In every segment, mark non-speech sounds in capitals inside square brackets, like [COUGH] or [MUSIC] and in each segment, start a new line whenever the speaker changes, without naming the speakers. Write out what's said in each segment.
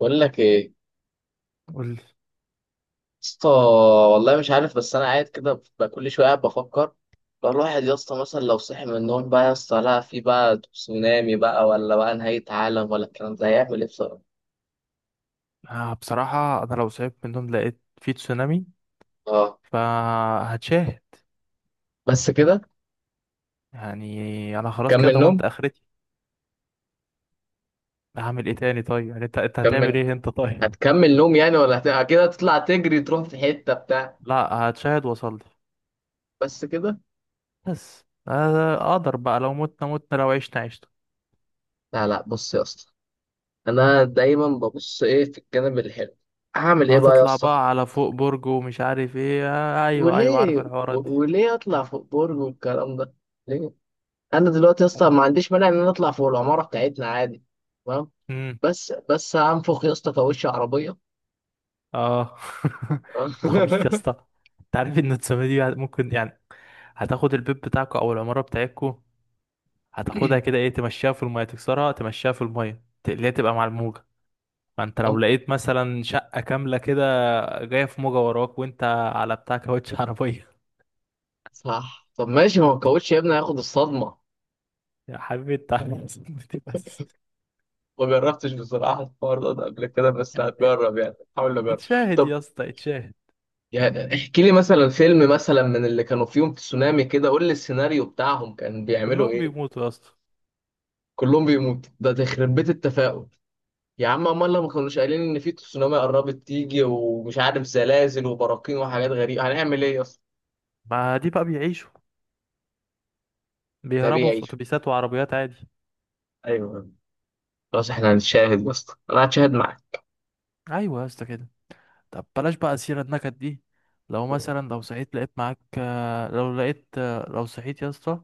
بقول لك ايه يا
قول لي.
اسطى. والله مش عارف، بس انا قاعد كده بقى كل شويه قاعد بفكر. لو الواحد يا اسطى، مثلا لو صحي من النوم بقى يا اسطى، لا في بقى تسونامي بقى ولا بقى نهايه عالم، ولا الكلام ده هيعمل ايه بصراحه؟
آه بصراحة أنا لو صعبت منهم لقيت في تسونامي،
اه،
فهتشاهد.
بس كده؟
يعني أنا خلاص كده
كمل
ضمنت
نوم.
آخرتي. هعمل إيه تاني؟ طيب يعني أنت هتعمل
كمل.
إيه أنت؟ طيب
هتكمل نوم يعني، ولا أكيد هتطلع تجري تروح في حته بتاع؟
لا، هتشاهد وأصلي.
بس كده.
بس أقدر بقى، لو متنا متنا لو عشنا عشنا.
لا لا، بص يا اسطى. انا دايما ببص ايه في الجانب الحلو. هعمل ايه بقى يا
هتطلع
اسطى؟
بقى على فوق برج ومش عارف إيه، آه أيوه أيوه عارف
وليه؟
الحوارات دي.
وليه اطلع فوق برج والكلام ده؟ ليه؟ انا دلوقتي يا اسطى ما عنديش مانع ان انا اطلع فوق العماره بتاعتنا عادي. تمام.
امم.
بس هنفخ يا اسطى كاوتش عربيه.
أه. [LAUGHS] أنت عبيط يا
[LAUGHS]
اسطى. أنت عارف إن التسونامي دي ممكن يعني هتاخد البيت بتاعكوا أو العمارة بتاعتكوا، هتاخدها كده ايه، تمشيها في المية تكسرها، تمشيها في المية تقليها تبقى مع الموجة. فانت لو
طب.
لقيت مثلا شقة كاملة كده جاية في موجة وراك، وانت على بتاع كاوتش [LAUGHS] عربية.
صح، طب ماشي، ما هو الكاوتش يا ابني هياخد الصدمه.
يا حبيبي انت عامل صدمتي بس.
ما جربتش بصراحة الحوار ده قبل كده، بس
يعني
هتجرب يعني، حاول أجرب.
اتشاهد
طب
يا اسطى، اتشاهد.
يعني احكي لي مثلا فيلم مثلا من اللي كانوا فيهم تسونامي كده، قول لي السيناريو بتاعهم كان بيعملوا
كلهم
ايه.
بيموتوا يا اسطى.
كلهم بيموتوا، ده تخرب بيت التفاؤل. يا عم امال، لما كانوش قايلين ان في تسونامي قربت تيجي ومش عارف زلازل وبراكين وحاجات غريبه، هنعمل ايه اصلا؟
ما دي بقى بيعيشوا،
ده
بيهربوا في
بيعيش.
اتوبيسات وعربيات عادي.
ايوه. خلاص احنا هنتشاهد يا اسطى، انا هتشاهد معاك.
ايوه يا اسطى كده. طب بلاش بقى سيرة النكد دي. لو مثلا لو صحيت لقيت معاك لو لقيت لو صحيت يا اسطى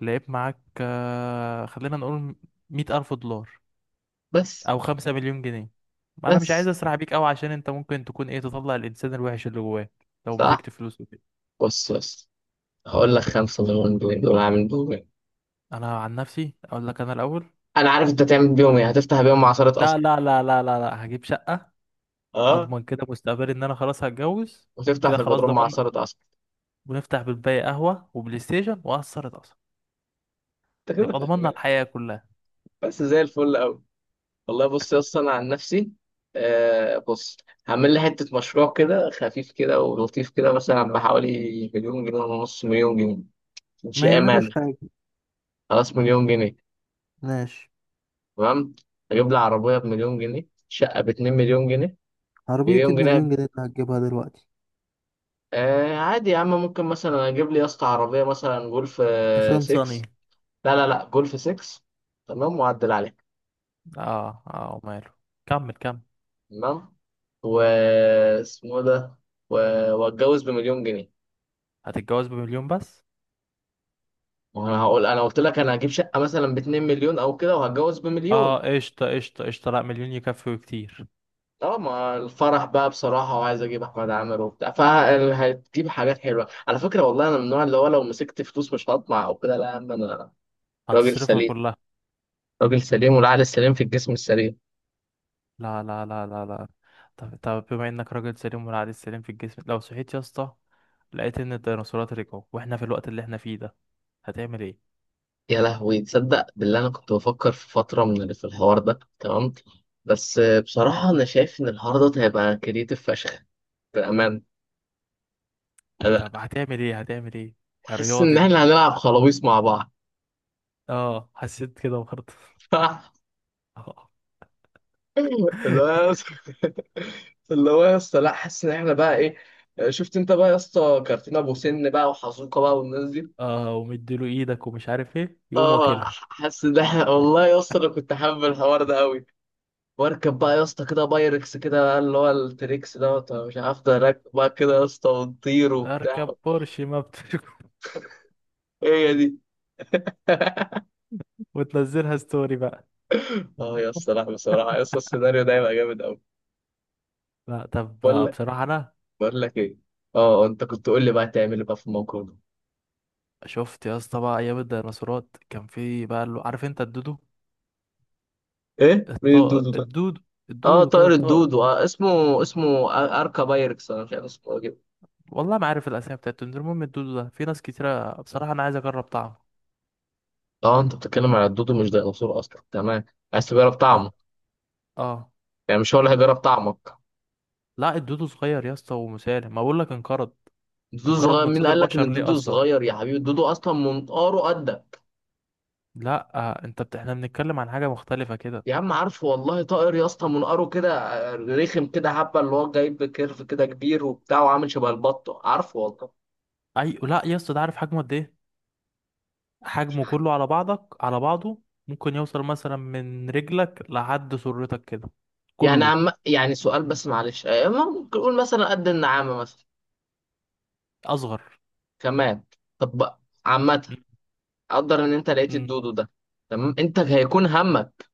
لعيب معاك، خلينا نقول 100,000 دولار
بس،
أو 5 مليون جنيه. ما أنا مش عايز
بس،
أسرح بيك أوي، عشان أنت ممكن تكون إيه، تطلع الإنسان الوحش اللي جواك لو مسكت
صح.
فلوس وكده.
بص، بص. هقول لك خمسة مليون جنيه دول هعمل بيهم ايه؟
أنا عن نفسي أقول لك أنا الأول.
انا عارف انت تعمل بيهم ايه، هتفتح بيهم عصارة قصب.
لا لا لا لا لا لا، هجيب شقة
اه،
أضمن كده مستقبلي، إن أنا خلاص هتجوز.
وتفتح
كده
في
خلاص
البدروم مع
ضمن.
عصارة قصب.
ونفتح بالباقي قهوة وبلاي ستيشن وأثر اتأثر.
انت كده
نبقى ضمننا
فاهم.
الحياة كلها.
بس زي الفل قوي. والله بص يا اسطى، انا عن نفسي. آه، بص. هعمل لي حته مشروع كده خفيف كده ولطيف كده، مثلا بحوالي مليون جنيه ونص مليون جنيه.
ما
شقه
يعملوش
مال.
حاجة.
خلاص، مليون جنيه.
ماشي.
تمام. اجيب لي عربيه بمليون جنيه، شقه باتنين مليون جنيه.
عربية
مليون جنيه.
بـ1 مليون جنيه اللي هتجيبها دلوقتي؟
آه عادي يا عم، ممكن مثلا اجيب لي يا اسطى عربيه مثلا جولف
نيسان صني.
6. لا لا لا، جولف 6. تمام، واعدل عليها.
اه اه وماله، كمل كمل.
تمام. واسمه ده. واتجوز بمليون جنيه.
هتتجوز بـ1 مليون بس؟
ما انا هقول، انا قلت لك انا هجيب شقه مثلا ب 2 مليون او كده، وهتجوز
اه
بمليون.
قشطة قشطة قشطة، لا 1 مليون يكفي وكتير.
اه، ما الفرح بقى بصراحه، وعايز اجيب احمد عامر وبتاع، فهتجيب حاجات حلوه على فكره، والله انا من النوع اللي هو لو مسكت فلوس مش هطمع او كده، لا يا عم انا راجل
هتصرفها
سليم.
كلها.
راجل سليم، والعقل السليم في الجسم السليم.
لا لا لا لا لا. طب طب بما انك راجل سليم والعقل السليم في الجسم، لو صحيت يا اسطى لقيت ان الديناصورات رجعوا واحنا في الوقت اللي احنا فيه ده، هتعمل ايه؟
يا لهوي، تصدق بالله انا كنت بفكر في فتره من اللي في الحوار ده، تمام. بس بصراحه انا شايف ان الحوار ده هيبقى كريتيف فشخ. بامان. انا
طب هتعمل ايه؟ هتعمل ايه؟ يا
حاسس
رياض
ان
انت!
احنا هنلعب خلاويص مع بعض.
اه حسيت كده برضه.
[LAUGHS]
[LAUGHS] اه.
[LAUGHS] اللي هو يا اسطى- [LAUGHS] اللي هو يا اسطى، لا حاسس ان احنا بقى ايه؟ شفت انت بقى يا اسطى كارتين ابو سن بقى وحزوقه بقى والناس دي.
اه ومديله ايدك ومش عارف ايه، يقوم
اه،
واكلها.
حاسس ان احنا [LAUGHS] والله يا اسطى، انا كنت حابب الحوار ده قوي. واركب بقى يا اسطى كده بايركس كده بقى اللي هو التريكس دوت مش عارف ده، راكب بقى كده يا اسطى ونطير وبتاع.
اركب بورش ما بتشوف.
هي دي. [LAUGHS]
[LAUGHS] وتنزلها ستوري بقى.
اه يا اسطى، لا بصراحه يا اسطى السيناريو ده هيبقى جامد قوي.
لا طب.
بقول لك
بصراحة أنا،
بقول لك ايه؟ اه انت كنت قول لي بقى تعمل ايه بقى في الموقف ده.
شفت يا اسطى بقى أيام الديناصورات كان في بقى اللي عارف أنت الدودو؟
ايه، مين
الطائر
الدودو ده؟
الدودو.
اه،
الدودو كده
طائر
الطائر.
الدودو، آه اسمه اركا بايركس انا مش عارف اسمه إيه كده.
والله ما عارف الأسامي بتاعته، المهم الدودو ده في ناس كتيرة بصراحة أنا عايز أجرب طعمه.
اه، انت بتتكلم على الدودو، مش ديناصور اصلا، تمام. عايز تجرب طعمه؟
أه. أه.
يعني مش هو اللي هيجرب طعمك؟
لا الدودو صغير يا اسطى ومسالم، ما بقول لك انقرض.
الدودو
انقرض
صغير؟
من
مين
صدر
قال لك ان
بشر ليه
الدودو
أصلا.
صغير يا حبيبي؟ الدودو اصلا منقاره قدك.
لا آه أنت إحنا بنتكلم عن حاجة مختلفة كده.
يا عم عارفه والله، طائر يا اسطى منقاره كده. رخم كده حبه اللي هو جايب كيرف كده كبير وبتاع وعامل شبه البطه، عارفه والله.
أي لا يا اسطى، ده عارف حجمه قد إيه؟ حجمه كله على بعضك على بعضه ممكن يوصل مثلا من رجلك لحد سرتك كده،
يعني
كله.
عم، يعني سؤال بس معلش، ممكن نقول مثلا قد النعامه مثلا؟
اصغر.
كمان. طب بقى. عامة. قدر ان انت لقيت
امم.
الدودو ده. تمام، انت هيكون همك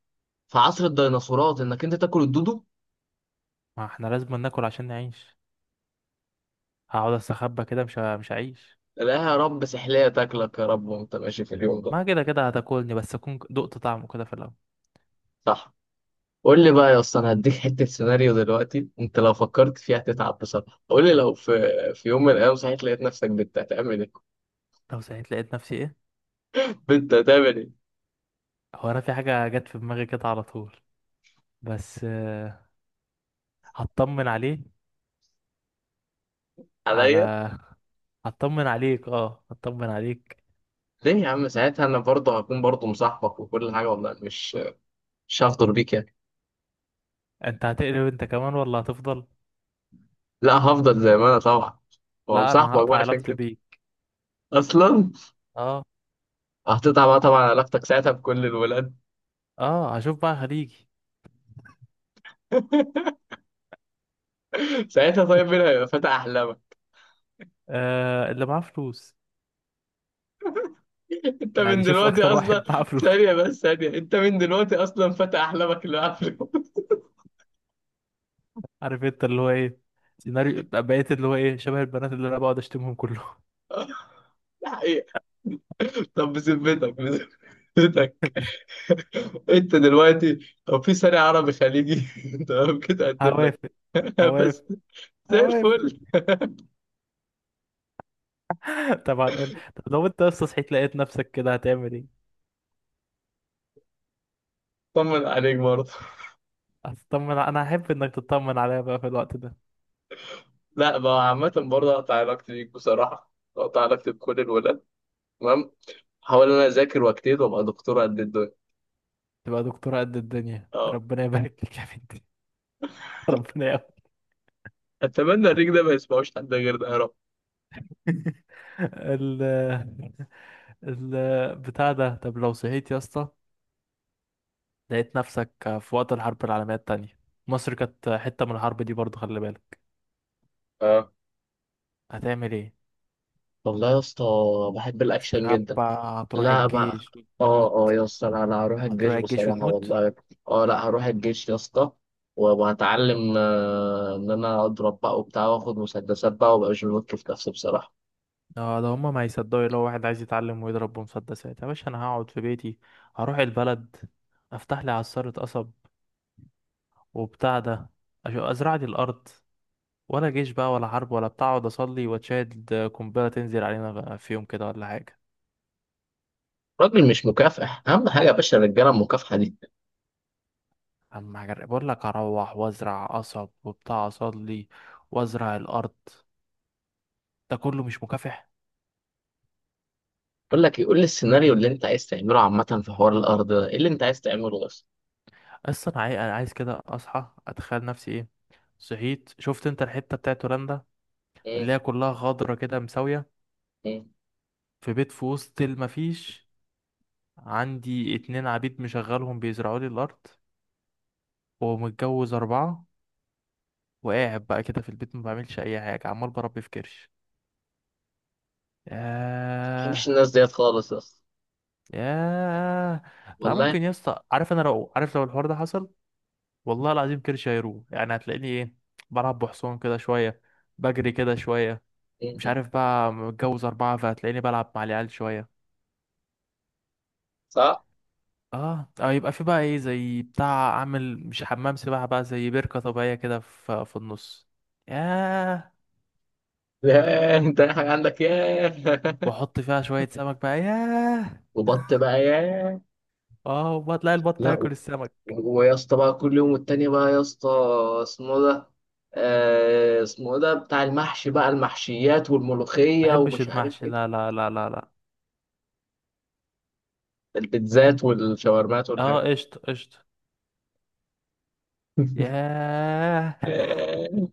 في عصر الديناصورات انك انت تاكل الدودو.
ما احنا لازم ناكل عشان نعيش. هقعد استخبى كده، مش هعيش.
لا يا رب سحلية تاكلك يا رب وانت ماشي في اليوم ده.
ما كده كده هتاكلني، بس اكون دقت طعمه كده في الاول.
صح. قول لي بقى يا اسطى، انا هديك حتة سيناريو دلوقتي، انت لو فكرت فيها هتتعب بصراحة. قول لي لو في يوم من الايام صحيت لقيت نفسك بنت، هتعمل ايه؟
لو سعيت لقيت نفسي ايه؟
بنت هتعمل ايه
هو انا في حاجه جت في دماغي كده على طول، بس هطمن عليه. على.
عليا؟
[LAUGHS] هطمن عليك، اه هطمن عليك.
ليه يا عم؟ ساعتها انا برضه هكون برضه مصاحبك وكل حاجة والله، مش هفضل بيك يعني.
انت هتقلب انت كمان ولا هتفضل؟
لا، هفضل زي ما انا طبعا،
لا انا
وهمصاحبك
هقطع
بقى عشان
علاقتي
كده
بيك.
اصلا.
اه.
هتقطع بقى طبعا علاقتك ساعتها بكل الولاد.
اه هشوف بقى خليجي.
[LAUGHS] ساعتها طيب، مين هيبقى فتى احلامك؟
آه، اللي معاه فلوس.
انت من
يعني شوف
دلوقتي
اكتر
اصلا.
واحد معاه فلوس.
ثانيه بس، ثانيه، انت من دلوقتي اصلا فتى احلامك اللي قبله.
عارف انت اللي هو ايه، سيناريو بقيت اللي هو ايه شبه البنات اللي انا بقعد اشتمهم كلهم.
[LAUGHS] ده حقيقه. طب بذمتك، بذمتك،
[LAUGHS]
انت دلوقتي لو في ثاني عربي خليجي، [LAUGHS] تمام كده اقدم لك.
هوافق.
[LAUGHS] بس
هوافق.
زي
هوافق.
الفل.
[LAUGHS] طبعا. طب لو انت اصلا صحيت لقيت نفسك كده هتعمل ايه؟
طمن عليك برضه.
هتطمن، انا احب انك تطمن عليا بقى في الوقت ده.
لا بقى عامة، برضه هقطع علاقتي بيك بصراحة، هقطع علاقتي بكل الولاد. تمام. هحاول إن أنا أذاكر وأجتهد وأبقى دكتور قد الدنيا.
تبقى دكتورة قد الدنيا،
اه.
ربنا يبارك لك يا بنتي. [LAUGHS] ربنا يا.
اتمنى الريك ده ما يسمعوش حد غير ده يا رب.
[LAUGHS] ال، ال بتاع ده. طب لو صحيت يا اسطى لقيت نفسك في وقت الحرب العالمية التانية، مصر كانت حتة من الحرب دي برضه خلي بالك،
اه.
هتعمل ايه؟
والله يا اسطى، بحب الاكشن جدا.
استخبى؟ هتروح
لا بقى.
الجيش وتموت.
اه يا اسطى، لا لا هروح الجيش
هتروح الجيش
بصراحة
وتموت.
والله. اه، لا هروح الجيش يا اسطى. وهتعلم ان انا اضرب بقى وبتاع واخد مسدسات بقى، وابقى مش بنط في نفسي بصراحة.
اه ده هما ما هيصدقوا لو واحد عايز يتعلم ويضرب بمسدسات. يا باشا انا هقعد في بيتي، هروح البلد افتح لي عصارة قصب وبتاع ده، ازرع لي الارض، ولا جيش بقى ولا حرب ولا بتاع، اقعد اصلي واتشاهد قنبلة تنزل علينا بقى في يوم كده ولا حاجة.
راجل مش مكافح اهم حاجة يا باشا، الرجالة المكافحة دي.
اما بقول لك اروح وازرع قصب وبتاع اصلي، وازرع الارض، ده كله مش مكافح.
بقول لك يقول لي السيناريو اللي انت عايز تعمله عامة في حوار الارض ده ايه اللي انت عايز تعمله بس.
اصلا انا عايز كده اصحى اتخيل نفسي ايه، صحيت شفت انت الحتة بتاعت هولندا
مم،
اللي هي كلها خضرة كده مساوية،
مم،
في بيت في وسط المفيش، عندي 2 عبيد مشغلهم بيزرعوا لي الأرض، ومتجوز 4،
مم.
وقاعد بقى كده في البيت ما بعملش أي حاجة، عمال بربي في كرش.
ما بحبش
ياه.
الناس ديت خالص يا اسطى،
ياه. لا
والله.
ممكن يا اسطى، عارف أنا لو عارف لو الحوار ده حصل، والله العظيم كرش هيروح، يعني هتلاقيني إيه، بلعب بحصان كده شوية، بجري كده شوية،
م-
مش
م.
عارف بقى متجوز 4 فهتلاقيني بلعب مع العيال شوية.
صح.
اه اه، يبقى في بقى ايه، زي بتاع اعمل مش حمام سباحة بقى زي بركة طبيعية كده في النص. ياه.
ياه، انت اي حاجه عندك، ياه. [LAUGHS]
واحط فيها شوية سمك بقى، ياه.
وبط بقى، ياه.
اه وتلاقي البط
لا،
هياكل السمك.
ويا اسطى بقى كل يوم والتاني بقى يا اسطى، اسمه ده. اسمه ده بتاع المحشي بقى المحشيات
ما
والملوخيه
بحبش
ومش عارف
المحشي،
ايه.
لا لا لا لا لا.
البيتزات والشاورمات
اه
والحاجات.
قشطة قشطة.
[LAUGHS]
ياه.
ياه،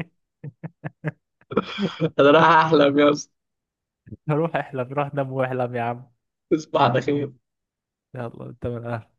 انا رايح احلم يا اسطى.
[LAUGHS] روح احلم، روح نام واحلم يا عم.
تصبح على خير.
يلا انت من أهلك.